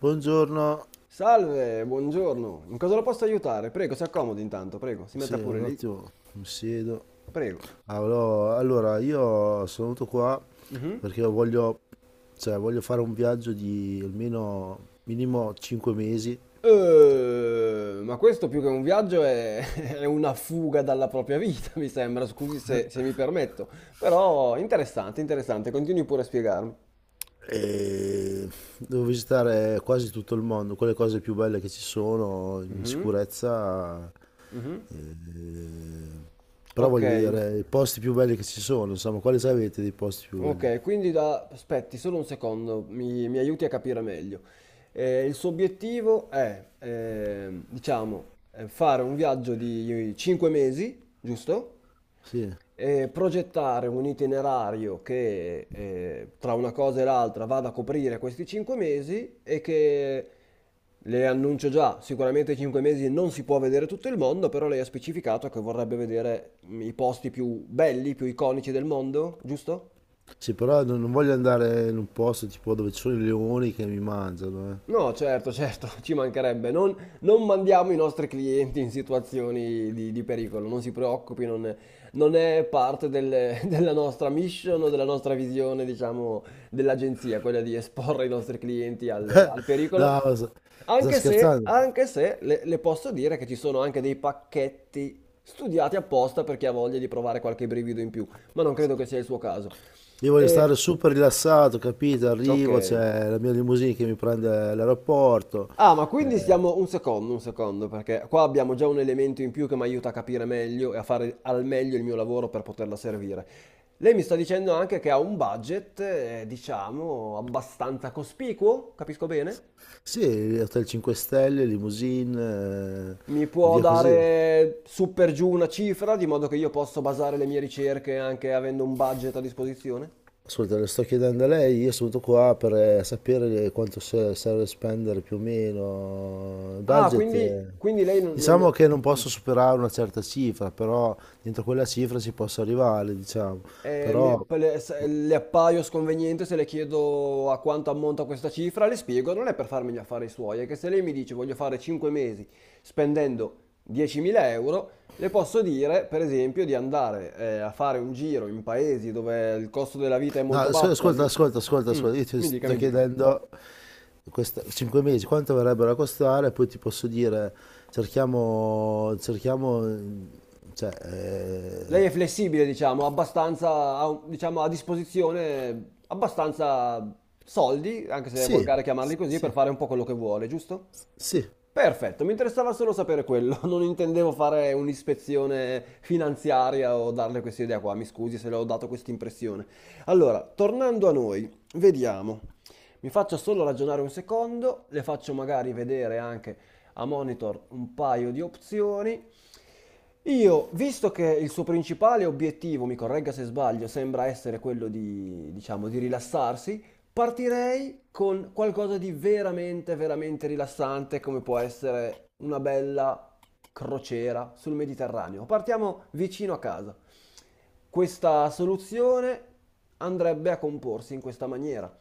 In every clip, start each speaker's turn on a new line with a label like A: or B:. A: Buongiorno,
B: Salve, buongiorno. In cosa la posso aiutare? Prego, si accomodi intanto, prego. Si
A: sì,
B: metta pure
A: un
B: lì.
A: attimo mi siedo.
B: Prego.
A: Allora, io sono venuto qua
B: Mhm.
A: perché voglio fare un viaggio di almeno minimo 5 mesi
B: Ma questo più che un viaggio è, è una fuga dalla propria vita, mi sembra. Scusi se mi permetto. Però interessante, interessante. Continui pure a spiegarmi.
A: e devo visitare quasi tutto il mondo, quelle cose più belle che ci sono in
B: Mhm,
A: sicurezza.
B: mhm.
A: eh, Però
B: Ok.
A: voglio vedere i posti più belli che ci sono, insomma, quali sapete dei posti più belli?
B: Ok, quindi aspetti solo un secondo, mi aiuti a capire meglio. Il suo obiettivo è, diciamo, fare un viaggio di 5 mesi, giusto?
A: Sì.
B: E progettare un itinerario che tra una cosa e l'altra vada a coprire questi 5 mesi e che le annuncio già, sicuramente 5 mesi non si può vedere tutto il mondo, però lei ha specificato che vorrebbe vedere i posti più belli, più iconici del mondo, giusto?
A: Sì, però non voglio andare in un posto tipo dove ci sono i leoni che mi mangiano, eh.
B: No, certo, certo, ci mancherebbe. Non mandiamo i nostri clienti in situazioni di pericolo, non si preoccupi, non è parte della nostra mission o della nostra visione, diciamo, dell'agenzia, quella di esporre i nostri clienti al pericolo.
A: No, sta
B: Anche se,
A: scherzando.
B: anche se le posso dire che ci sono anche dei pacchetti studiati apposta per chi ha voglia di provare qualche brivido in più, ma non credo che sia il suo caso.
A: Io voglio
B: Eh,
A: stare super rilassato, capito?
B: ok.
A: Arrivo, c'è la mia limousine che mi prende all'aeroporto.
B: Ah, ma quindi
A: Eh,
B: stiamo un secondo, perché qua abbiamo già un elemento in più che mi aiuta a capire meglio e a fare al meglio il mio lavoro per poterla servire. Lei mi sta dicendo anche che ha un budget, diciamo, abbastanza cospicuo, capisco bene?
A: sì, Hotel 5 Stelle, limousine,
B: Mi può
A: via così.
B: dare su per giù una cifra, di modo che io posso basare le mie ricerche anche avendo un budget a disposizione?
A: Ascolta, le sto chiedendo a lei, io sono venuto qua per sapere quanto serve spendere più o meno il
B: Ah,
A: budget.
B: quindi, quindi lei non...
A: Diciamo
B: non...
A: che non
B: Mm.
A: posso superare una certa cifra, però dentro quella cifra si possa arrivare, diciamo. Però,
B: Poi le appaio sconveniente se le chiedo a quanto ammonta questa cifra, le spiego, non è per farmi gli affari suoi, è che se lei mi dice voglio fare 5 mesi spendendo 10.000 euro, le posso dire, per esempio, di andare a fare un giro in paesi dove il costo della vita è
A: no,
B: molto basso.
A: ascolta,
B: Mm,
A: io ti
B: Mi dica,
A: sto
B: mi dica.
A: chiedendo questa, 5 mesi quanto verrebbero a costare, poi ti posso dire, cerchiamo, cioè, eh,
B: Lei è flessibile, diciamo, abbastanza, diciamo, a disposizione abbastanza soldi, anche se è
A: sì,
B: volgare chiamarli così, per
A: sì.
B: fare un po' quello che vuole, giusto?
A: Sì,
B: Perfetto, mi interessava solo sapere quello, non intendevo fare un'ispezione finanziaria o darle questa idea qua, mi scusi se le ho dato questa impressione. Allora, tornando a noi, vediamo, mi faccio solo ragionare un secondo, le faccio magari vedere anche a monitor un paio di opzioni io, visto che il suo principale obiettivo, mi corregga se sbaglio, sembra essere quello di, diciamo, di rilassarsi, partirei con qualcosa di veramente, veramente rilassante, come può essere una bella crociera sul Mediterraneo. Partiamo vicino a casa. Questa soluzione andrebbe a comporsi in questa maniera.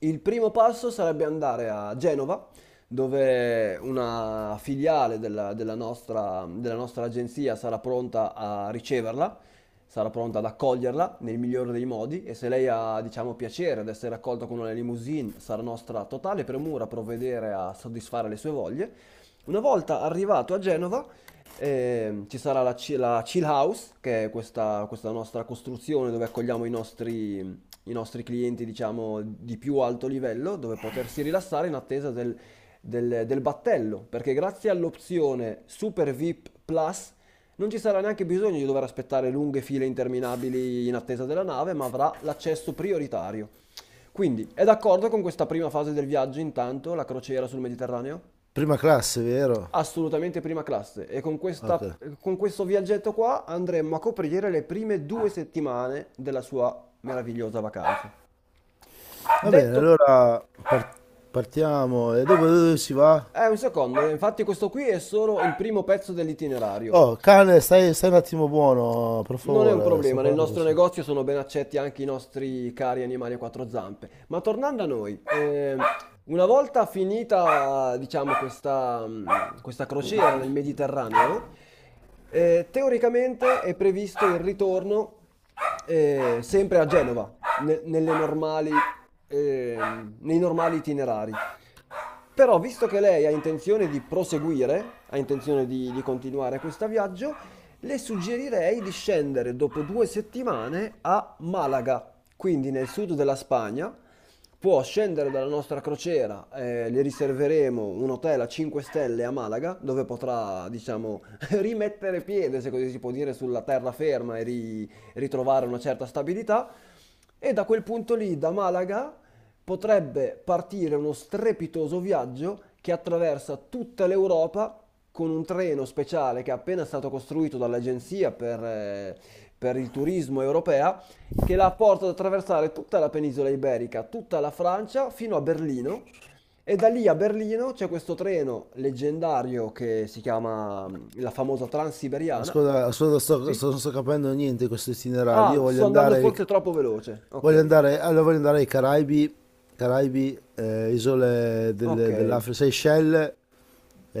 B: Il primo passo sarebbe andare a Genova, dove una filiale della nostra agenzia sarà pronta a riceverla, sarà pronta ad accoglierla nel migliore dei modi e se lei ha, diciamo, piacere ad essere accolta con una limousine, sarà nostra totale premura provvedere a soddisfare le sue voglie. Una volta arrivato a Genova, ci sarà la Chill House, che è questa nostra costruzione dove accogliamo i nostri clienti, diciamo, di più alto livello, dove potersi rilassare in attesa del battello, perché grazie all'opzione Super VIP Plus non ci sarà neanche bisogno di dover aspettare lunghe file interminabili in attesa della nave, ma avrà l'accesso prioritario. Quindi, è d'accordo con questa prima fase del viaggio, intanto, la crociera sul Mediterraneo?
A: prima classe, vero?
B: Assolutamente prima classe e con
A: Ok.
B: con questo viaggetto qua andremo a coprire le prime 2 settimane della sua meravigliosa vacanza.
A: Va bene,
B: Detto,
A: allora partiamo. E dopo dove si va?
B: un secondo, infatti questo qui è solo il primo pezzo dell'itinerario.
A: Oh, cane, stai un attimo buono, per
B: Non è un
A: favore. Sto
B: problema, nel
A: parlando con...
B: nostro negozio sono ben accetti anche i nostri cari animali a quattro zampe. Ma tornando a noi, una volta finita, diciamo, questa, questa crociera nel Mediterraneo, teoricamente è previsto il ritorno sempre a Genova, nei normali itinerari. Però, visto che lei ha intenzione di proseguire, ha intenzione di continuare questo viaggio, le suggerirei di scendere dopo 2 settimane a Malaga, quindi nel sud della Spagna. Può scendere dalla nostra crociera, le riserveremo un hotel a 5 stelle a Malaga, dove potrà, diciamo, rimettere piede, se così si può dire, sulla terraferma e ritrovare una certa stabilità. E da quel punto lì, da Malaga, potrebbe partire uno strepitoso viaggio che attraversa tutta l'Europa con un treno speciale che è appena stato costruito dall'Agenzia per il turismo europea, che la porta ad attraversare tutta la penisola iberica, tutta la Francia, fino a Berlino. E da lì a Berlino c'è questo treno leggendario che si chiama la famosa Transiberiana.
A: Ascolta, ascolta,
B: Sì?
A: non sto capendo niente di questo itinerario. Io
B: Ah,
A: voglio
B: sto andando
A: andare...
B: forse troppo veloce.
A: Voglio
B: Ok,
A: andare, allora voglio andare ai Caraibi, Caraibi, isole
B: ok.
A: dell'Africa, Seychelles,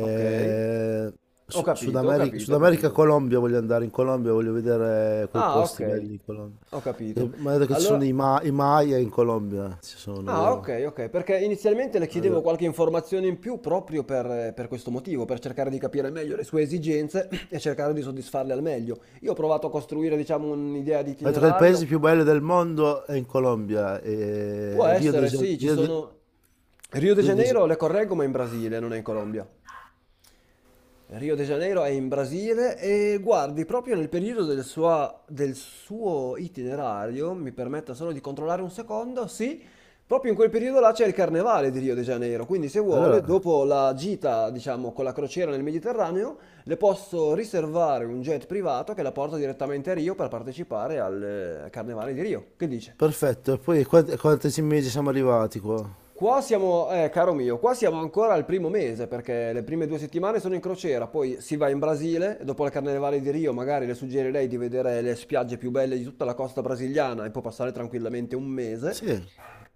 B: Ok, ho
A: Sud
B: capito, ho
A: America,
B: capito, ho capito.
A: Colombia, voglio andare in Colombia, voglio vedere quei
B: Ah, ok,
A: posti belli in Colombia.
B: ho capito.
A: Mi ha detto che ci sono
B: Allora,
A: I Maya in Colombia, ci sono,
B: ah,
A: vero?
B: ok, ok, perché inizialmente le
A: Mi ha
B: chiedevo
A: detto
B: qualche informazione in più proprio per questo motivo, per cercare di capire meglio le sue esigenze e cercare di soddisfarle al meglio. Io ho provato a costruire, diciamo, un'idea di
A: Mi ha detto che il paese
B: itinerario.
A: più bello del mondo è in Colombia,
B: Può
A: Rio de
B: essere,
A: Janeiro.
B: sì, ci sono... Rio de
A: Rio de Ja-
B: Janeiro, le correggo, ma in Brasile, non è in Colombia. Rio de Janeiro è in Brasile e guardi, proprio nel periodo del suo itinerario, mi permetta solo di controllare un secondo, sì, proprio in quel periodo là c'è il carnevale di Rio de Janeiro, quindi se vuole,
A: Allora,
B: dopo la gita, diciamo, con la crociera nel Mediterraneo, le posso riservare un jet privato che la porta direttamente a Rio per partecipare al carnevale di Rio. Che dice?
A: perfetto, e poi quanti mesi siamo arrivati qua?
B: Qua siamo, caro mio, qua siamo ancora al primo mese perché le prime due settimane sono in crociera, poi si va in Brasile e dopo la Carnevale di Rio magari le suggerirei di vedere le spiagge più belle di tutta la costa brasiliana e può passare tranquillamente un mese.
A: Sì.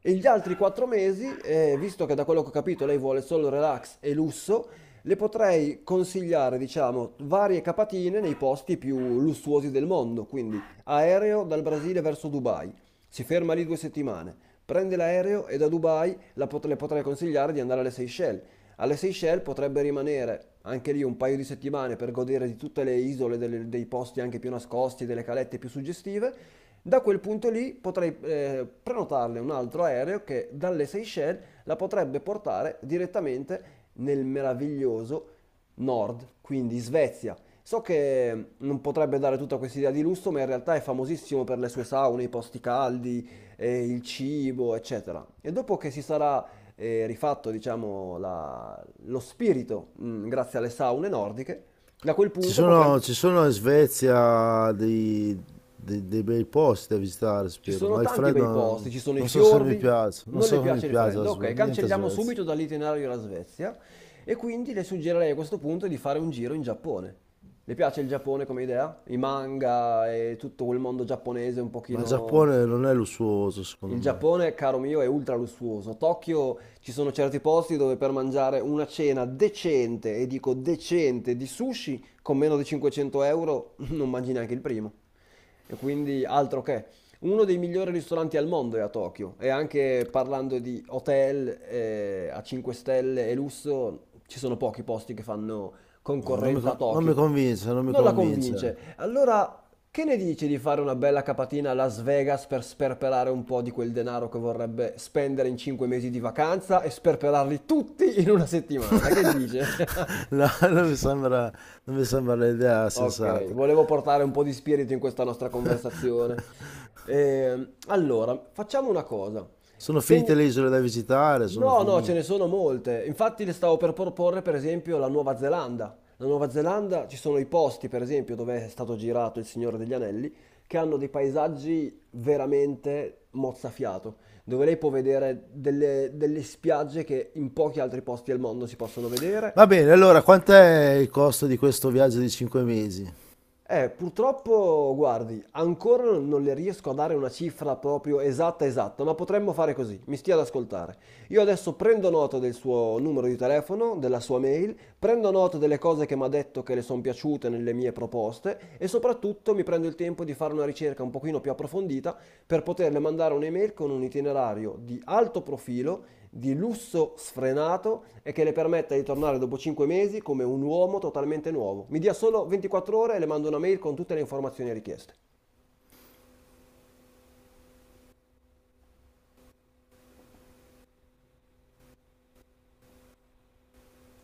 B: E gli altri 4 mesi, visto che da quello che ho capito lei vuole solo relax e lusso, le potrei consigliare, diciamo, varie capatine nei posti più lussuosi del mondo, quindi aereo dal Brasile verso Dubai, si ferma lì 2 settimane, prende l'aereo e da Dubai le potrei consigliare di andare alle Seychelles. Alle Seychelles potrebbe rimanere anche lì un paio di settimane per godere di tutte le isole, dei posti anche più nascosti, delle calette più suggestive. Da quel punto lì potrei prenotarle un altro aereo che dalle Seychelles la potrebbe portare direttamente nel meraviglioso nord, quindi Svezia. So che non potrebbe dare tutta questa idea di lusso, ma in realtà è famosissimo per le sue saune, i posti caldi, il cibo, eccetera. E dopo che si sarà rifatto, diciamo, lo spirito, grazie alle saune nordiche, da quel punto potremmo...
A: Ci sono in Svezia dei bei posti da visitare,
B: Ci
A: spero,
B: sono
A: ma il
B: tanti
A: freddo
B: bei posti,
A: non,
B: ci sono i
A: non so se mi
B: fiordi,
A: piace, non
B: non le
A: so se mi
B: piace il
A: piace la
B: freddo, ok,
A: Niente a
B: cancelliamo
A: Svezia.
B: subito dall'itinerario la Svezia e quindi le suggerirei a questo punto di fare un giro in Giappone. Le piace il Giappone come idea? I manga e tutto quel mondo giapponese un
A: Ma il
B: pochino.
A: Giappone non è lussuoso, secondo
B: Il
A: me.
B: Giappone, caro mio, è ultra lussuoso. Tokyo ci sono certi posti dove per mangiare una cena decente, e dico decente, di sushi con meno di 500 euro non mangi neanche il primo. E quindi altro che. Uno dei migliori ristoranti al mondo è a Tokyo. E anche parlando di hotel a 5 stelle e lusso, ci sono pochi posti che fanno concorrenza a
A: Non mi
B: Tokyo.
A: convince, non mi
B: Non la
A: convince.
B: convince. Allora che ne dici di fare una bella capatina a Las Vegas per sperperare un po' di quel denaro che vorrebbe spendere in 5 mesi di vacanza e sperperarli tutti in una settimana? Che dice?
A: No, non mi sembra l'idea
B: Ok,
A: sensata.
B: volevo portare un po' di spirito in questa nostra conversazione. Allora, facciamo una cosa.
A: Sono finite
B: Teni-
A: le isole da visitare, sono
B: No, no, ce ne
A: finite.
B: sono molte. Infatti le stavo per proporre, per esempio, la Nuova Zelanda. La Nuova Zelanda ci sono i posti, per esempio, dove è stato girato Il Signore degli Anelli, che hanno dei paesaggi veramente mozzafiato, dove lei può vedere delle spiagge che in pochi altri posti al mondo si possono
A: Va
B: vedere.
A: bene, allora, quant'è il costo di questo viaggio di 5 mesi?
B: Purtroppo, guardi, ancora non le riesco a dare una cifra proprio esatta esatta, ma potremmo fare così, mi stia ad ascoltare. Io adesso prendo nota del suo numero di telefono, della sua mail, prendo nota delle cose che mi ha detto che le sono piaciute nelle mie proposte e soprattutto mi prendo il tempo di fare una ricerca un pochino più approfondita per poterle mandare un'email con un itinerario di alto profilo di lusso sfrenato e che le permetta di tornare dopo 5 mesi come un uomo totalmente nuovo. Mi dia solo 24 ore e le mando una mail con tutte le informazioni richieste.